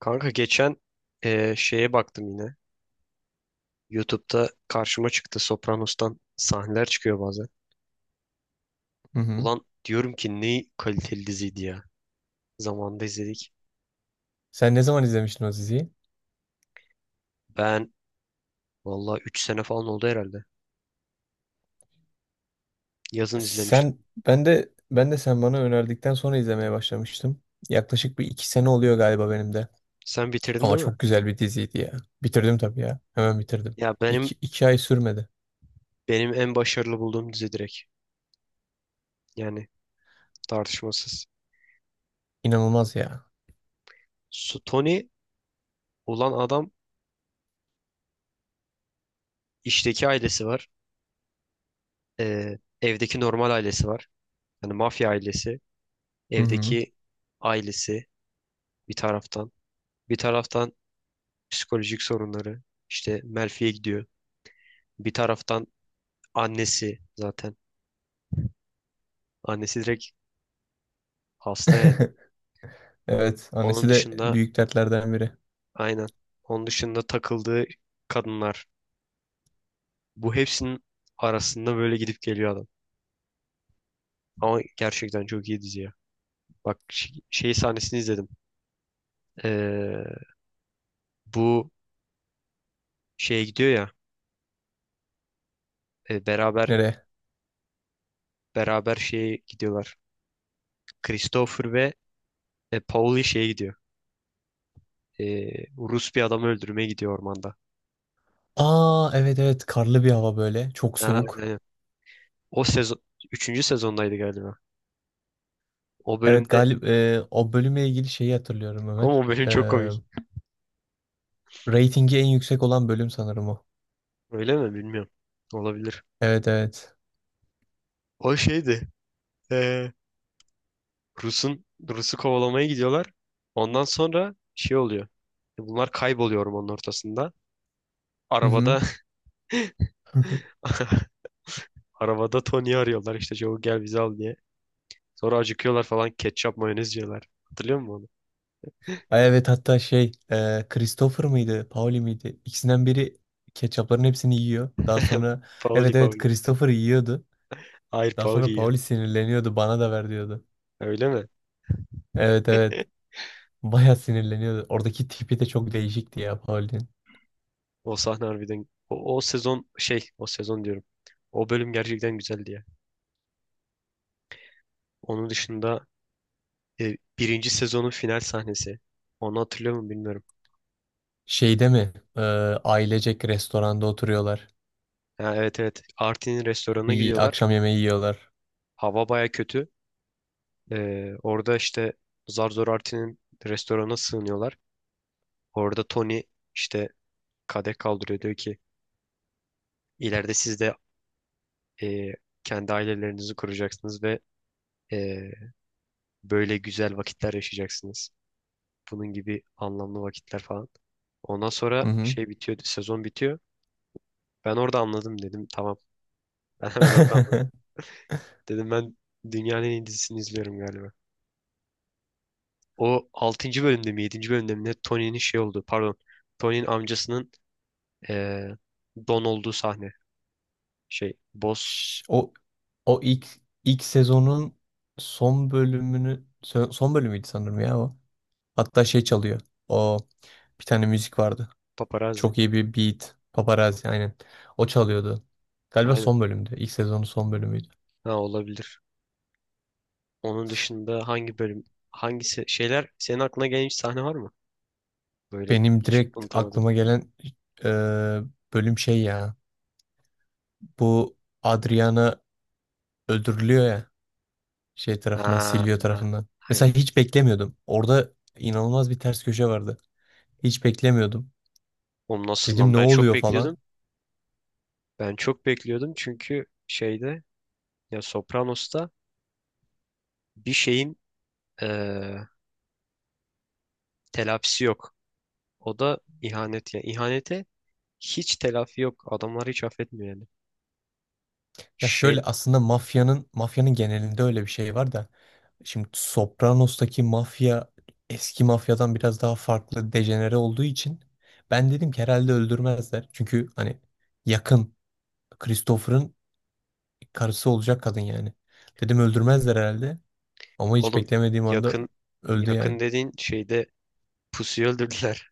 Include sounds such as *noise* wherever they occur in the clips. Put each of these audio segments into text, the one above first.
Kanka geçen şeye baktım yine. YouTube'da karşıma çıktı. Sopranos'tan sahneler çıkıyor bazen. Hı hı. Ulan diyorum ki ne kaliteli diziydi ya. Zamanında izledik. Sen ne zaman izlemiştin o diziyi? Ben valla 3 sene falan oldu herhalde. Yazın izlemiştim. Sen ben de ben de sen bana önerdikten sonra izlemeye başlamıştım. Yaklaşık bir iki sene oluyor galiba benim de. Sen bitirdin Ama değil mi? çok güzel bir diziydi ya. Bitirdim tabii ya. Hemen bitirdim. Ya benim İki ay sürmedi. benim en başarılı bulduğum dizi direkt. Yani tartışmasız. İnanılmaz ya. Su Tony ulan adam işteki ailesi var. Evdeki normal ailesi var. Yani mafya ailesi. Hı hı. Evdeki ailesi bir taraftan. Bir taraftan psikolojik sorunları. İşte Melfi'ye gidiyor. Bir taraftan annesi zaten. Annesi direkt hasta yani. *laughs* Evet. Onun Annesi de dışında büyük dertlerden biri. aynen. Onun dışında takıldığı kadınlar. Bu hepsinin arasında böyle gidip geliyor adam. Ama gerçekten çok iyi dizi ya. Bak şey sahnesini izledim. Ee, Bu şeye gidiyor ya. e, beraber Nereye? beraber şeye gidiyorlar. Christopher ve Pauli şeye gidiyor. Rus bir adamı öldürmeye gidiyor ormanda. Aa, evet evet. Karlı bir hava böyle. Çok soğuk. Aynen. O sezon üçüncü sezondaydı galiba. O Evet, bölümde galip o bölümle ilgili şeyi hatırlıyorum ama Ömer. o bölüm çok komik. Ratingi en yüksek olan bölüm sanırım o. Öyle mi bilmiyorum. Olabilir. Evet evet. O şeydi. Ee, Rus'un Rus'u kovalamaya gidiyorlar. Ondan sonra şey oluyor. Bunlar kayboluyor ormanın ortasında. Mhm. Arabada *laughs* *laughs* arabada Tony'yi arıyorlar işte çabuk gel bizi al diye. Sonra acıkıyorlar falan ketçap mayonez yiyorlar. Hatırlıyor musun onu? Ay, evet, hatta şey Christopher mıydı Pauli miydi ikisinden biri ketçapların hepsini yiyor. Daha sonra Pauli, evet evet Pauli. Christopher yiyordu. Hayır, Daha Pauli sonra yiyor. Pauli sinirleniyordu, bana da ver diyordu. Öyle mi? Evet evet, *laughs* baya sinirleniyordu. Oradaki tipi de çok değişikti ya Pauli'nin. O sahne harbiden o sezon şey o sezon diyorum. O bölüm gerçekten güzeldi ya. Onun dışında birinci sezonun final sahnesi. Onu hatırlıyor mu bilmiyorum. Şeyde mi ailecek restoranda oturuyorlar. Ha, evet, evet. Artin'in restoranına Bir gidiyorlar. akşam yemeği yiyorlar. Hava baya kötü. Orada işte zar zor Artin'in restorana sığınıyorlar. Orada Tony işte kadeh kaldırıyor. Diyor ki ileride siz de e, kendi ailelerinizi kuracaksınız ve e, böyle güzel vakitler yaşayacaksınız. Bunun gibi anlamlı vakitler falan. Ondan sonra Hı hı. şey bitiyor, sezon bitiyor. Ben orada anladım dedim. Tamam. *laughs* Ben hemen orada *laughs* dedim, ben dünyanın en iyi dizisini izliyorum galiba. O altıncı bölümde mi yedinci bölümde mi ne Tony'nin şey oldu, pardon. Tony'nin amcasının eee, Don olduğu sahne. Şey Boss. O, o ilk, ilk sezonun son bölümünü, son bölümüydü sanırım ya o. Hatta şey çalıyor. O, bir tane müzik vardı. Paparazzi. Çok iyi bir beat. Paparazzi, aynen. O çalıyordu. Galiba Aynen. son bölümdü. İlk sezonun son bölümüydü. Ha, olabilir. Onun dışında hangi bölüm hangisi şeyler senin aklına gelen hiç sahne var mı? Böyle Benim hiç direkt unutamadım. aklıma gelen e, bölüm şey ya. Bu Adriana öldürülüyor ya. Şey tarafından, Ha, Silvio ha. tarafından. Aynen. Mesela hiç beklemiyordum. Orada inanılmaz bir ters köşe vardı. Hiç beklemiyordum. Oğlum nasıl Dedim lan? ne Ben çok oluyor falan. bekliyordum. Ben çok bekliyordum çünkü şeyde ya, Sopranos'ta bir şeyin eee telafisi yok. O da ihanet ya. İhanete hiç telafi yok. Adamlar hiç affetmiyor yani. Ya Şey şöyle, aslında mafyanın genelinde öyle bir şey var da şimdi Sopranos'taki mafya eski mafyadan biraz daha farklı, dejenere olduğu için ben dedim ki herhalde öldürmezler. Çünkü hani yakın, Christopher'ın karısı olacak kadın yani. Dedim öldürmezler herhalde, ama hiç oğlum beklemediğim anda yakın öldü yani. yakın dediğin şeyde pusuyu öldürdüler.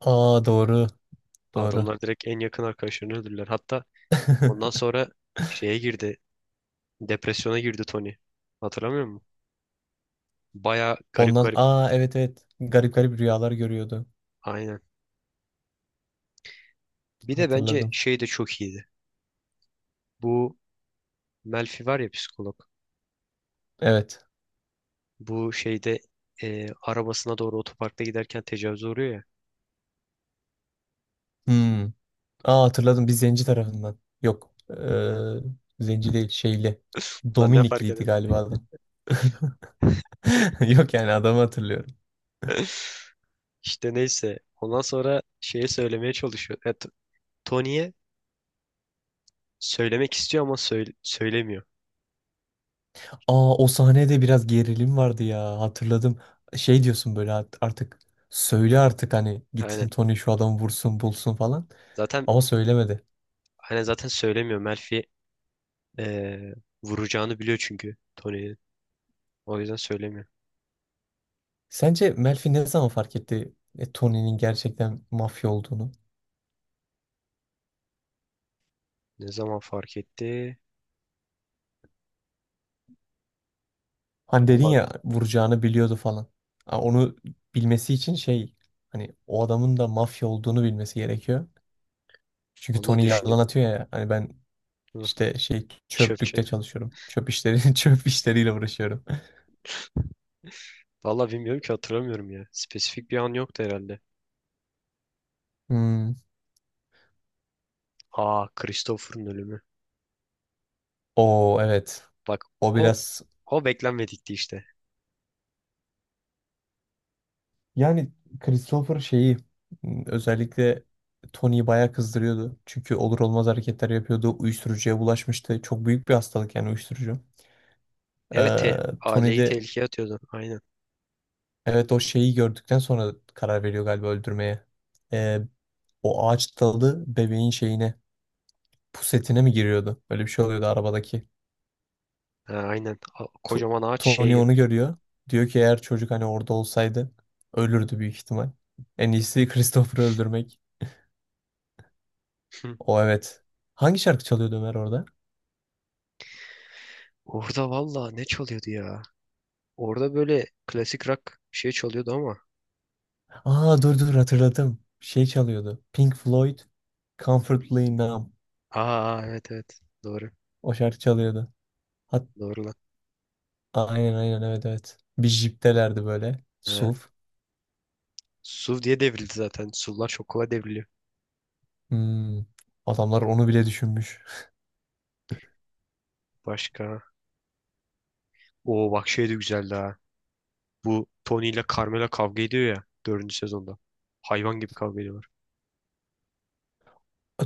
Aa, doğru *laughs* doğru. Adamlar direkt en yakın arkadaşlarını öldürdüler. Hatta ondan *laughs* sonra şeye girdi. Depresyona girdi Tony. Hatırlamıyor musun? Baya garip Ondan, garip. aa evet evet, garip garip rüyalar görüyordu. Aynen. Bir de bence Hatırladım. şey de çok iyiydi. Bu Melfi var ya, psikolog. Evet. Bu şeyde arabasına doğru otoparkta giderken tecavüze uğruyor ya. Hmm. Aa, hatırladım, bir zenci tarafından. Yok. Zenci değil, şeyli. Lan ne fark Dominikliydi eder? galiba adam. *laughs* *laughs* Yok, yani adamı hatırlıyorum. İşte neyse. Ondan sonra şeye söylemeye çalışıyor. Ya, Tony'ye söylemek istiyor ama söylemiyor. Aa, o sahnede biraz gerilim vardı ya, hatırladım. Şey diyorsun böyle, "Artık söyle artık, hani Aynen. gitsin Tony şu adamı vursun bulsun" falan. Zaten Ama söylemedi. aynen zaten söylemiyor. Melfi eee, vuracağını biliyor çünkü Tony'nin. O yüzden söylemiyor. Sence Melfi ne zaman fark etti Tony'nin gerçekten mafya olduğunu? Ne zaman fark etti? Hani dedin Vallahi ya, vuracağını biliyordu falan. Ha, onu bilmesi için şey, hani o adamın da mafya olduğunu bilmesi gerekiyor. Çünkü vallahi Tony düşüneyim. yalan atıyor ya, hani ben Hı. işte şey, Çöpçe. çöplükte çalışıyorum. Çöp işleri *laughs* çöp işleriyle uğraşıyorum. Vallahi bilmiyorum ki, hatırlamıyorum ya. Spesifik bir an yoktu herhalde. Hmm. Aa, Christopher'ın ölümü. O evet. Bak, O o biraz o beklenmedikti işte. yani Christopher şeyi, hmm, özellikle Tony'yi bayağı kızdırıyordu. Çünkü olur olmaz hareketler yapıyordu. Uyuşturucuya bulaşmıştı. Çok büyük bir hastalık yani uyuşturucu. Evet, Tony aileyi de tehlikeye atıyordu. Aynen. evet, o şeyi gördükten sonra karar veriyor galiba öldürmeye. Ee, o ağaç dalı bebeğin şeyine, pusetine mi giriyordu? Böyle bir şey oluyordu arabadaki. Ha, aynen. Tu- Kocaman ağaç şeye Tony onu girmiş. görüyor. Diyor ki eğer çocuk hani orada olsaydı ölürdü büyük ihtimal. En iyisi *laughs* Christopher'ı öldürmek. Hı. O evet. Hangi şarkı çalıyordu Ömer orada? Orada valla ne çalıyordu ya? Orada böyle klasik rock bir şey çalıyordu ama. Aa, dur dur, hatırladım. Şey çalıyordu, Pink Floyd, Comfortably Numb. Aa, evet, evet. Doğru. O şarkı çalıyordu. Hat Doğru lan. aynen aynen, evet evet. Bir jiptelerdi böyle. Ha. SUV. Suv diye devrildi zaten. Suvlar çok kolay devriliyor. Hmm, adamlar onu bile düşünmüş. Başka. Oo, bak şey de güzeldi ha. Bu Tony ile Carmela kavga ediyor ya. Dördüncü sezonda. Hayvan gibi kavga ediyorlar.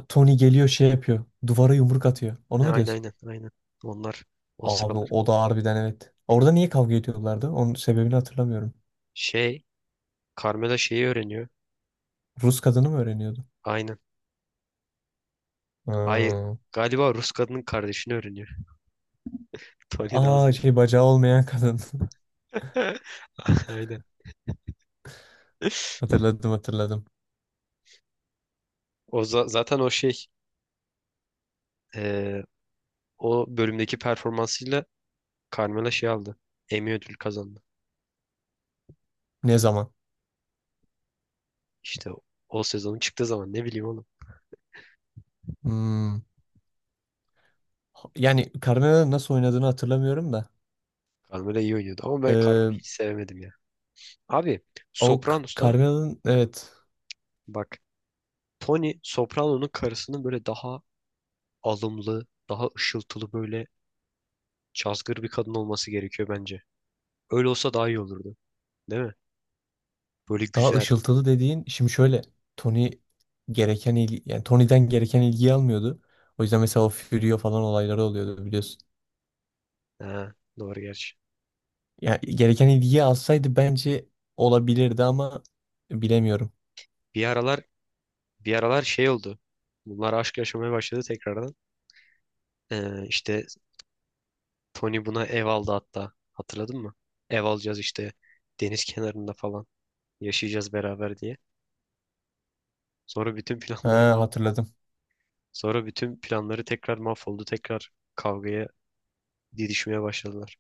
Tony geliyor şey yapıyor. Duvara yumruk atıyor. Onu Ha, mu aynen, diyorsun? aynen, aynen. Onlar o Abi sıralar. o da harbiden evet. Orada niye kavga ediyorlardı? Onun sebebini hatırlamıyorum. Şey, Carmela şeyi öğreniyor. Rus kadını mı öğreniyordu? Aynen. Hayır. Ha. Galiba Rus kadının kardeşini öğreniyor. *laughs* Tony Aa, Nazlı. şey, bacağı olmayan kadın. *laughs* Aynen. *laughs* Hatırladım hatırladım. O zaten o şey eee, o bölümdeki performansıyla Carmela şey aldı. Emmy ödül kazandı. Ne zaman? İşte o sezonun çıktığı zaman ne bileyim oğlum. Hmm. Yani Carmela'nın nasıl oynadığını hatırlamıyorum da. Carmela iyi oynuyordu ama ben Ee, Carmela'yı hiç sevemedim ya. Abi o Sopranos'ta Carmela'nın evet. bak, Tony Soprano'nun karısının böyle daha alımlı, daha ışıltılı, böyle cazgır bir kadın olması gerekiyor bence. Öyle olsa daha iyi olurdu. Değil mi? Böyle Daha güzel. ışıltılı dediğin şimdi şöyle, Tony, gereken ilgi, yani Tony'den gereken ilgiyi almıyordu. O yüzden mesela o Furio falan olayları oluyordu, biliyorsun. Ha, doğru gerçi. Yani gereken ilgiyi alsaydı bence olabilirdi, ama bilemiyorum. Bir aralar Bir aralar şey oldu. Bunlar aşk yaşamaya başladı tekrardan. İşte Tony buna ev aldı hatta. Hatırladın mı? Ev alacağız işte, deniz kenarında falan yaşayacağız beraber diye. Sonra bütün planları Ha, mah- hatırladım. Sonra bütün planları tekrar mahvoldu. Tekrar kavgaya didişmeye başladılar.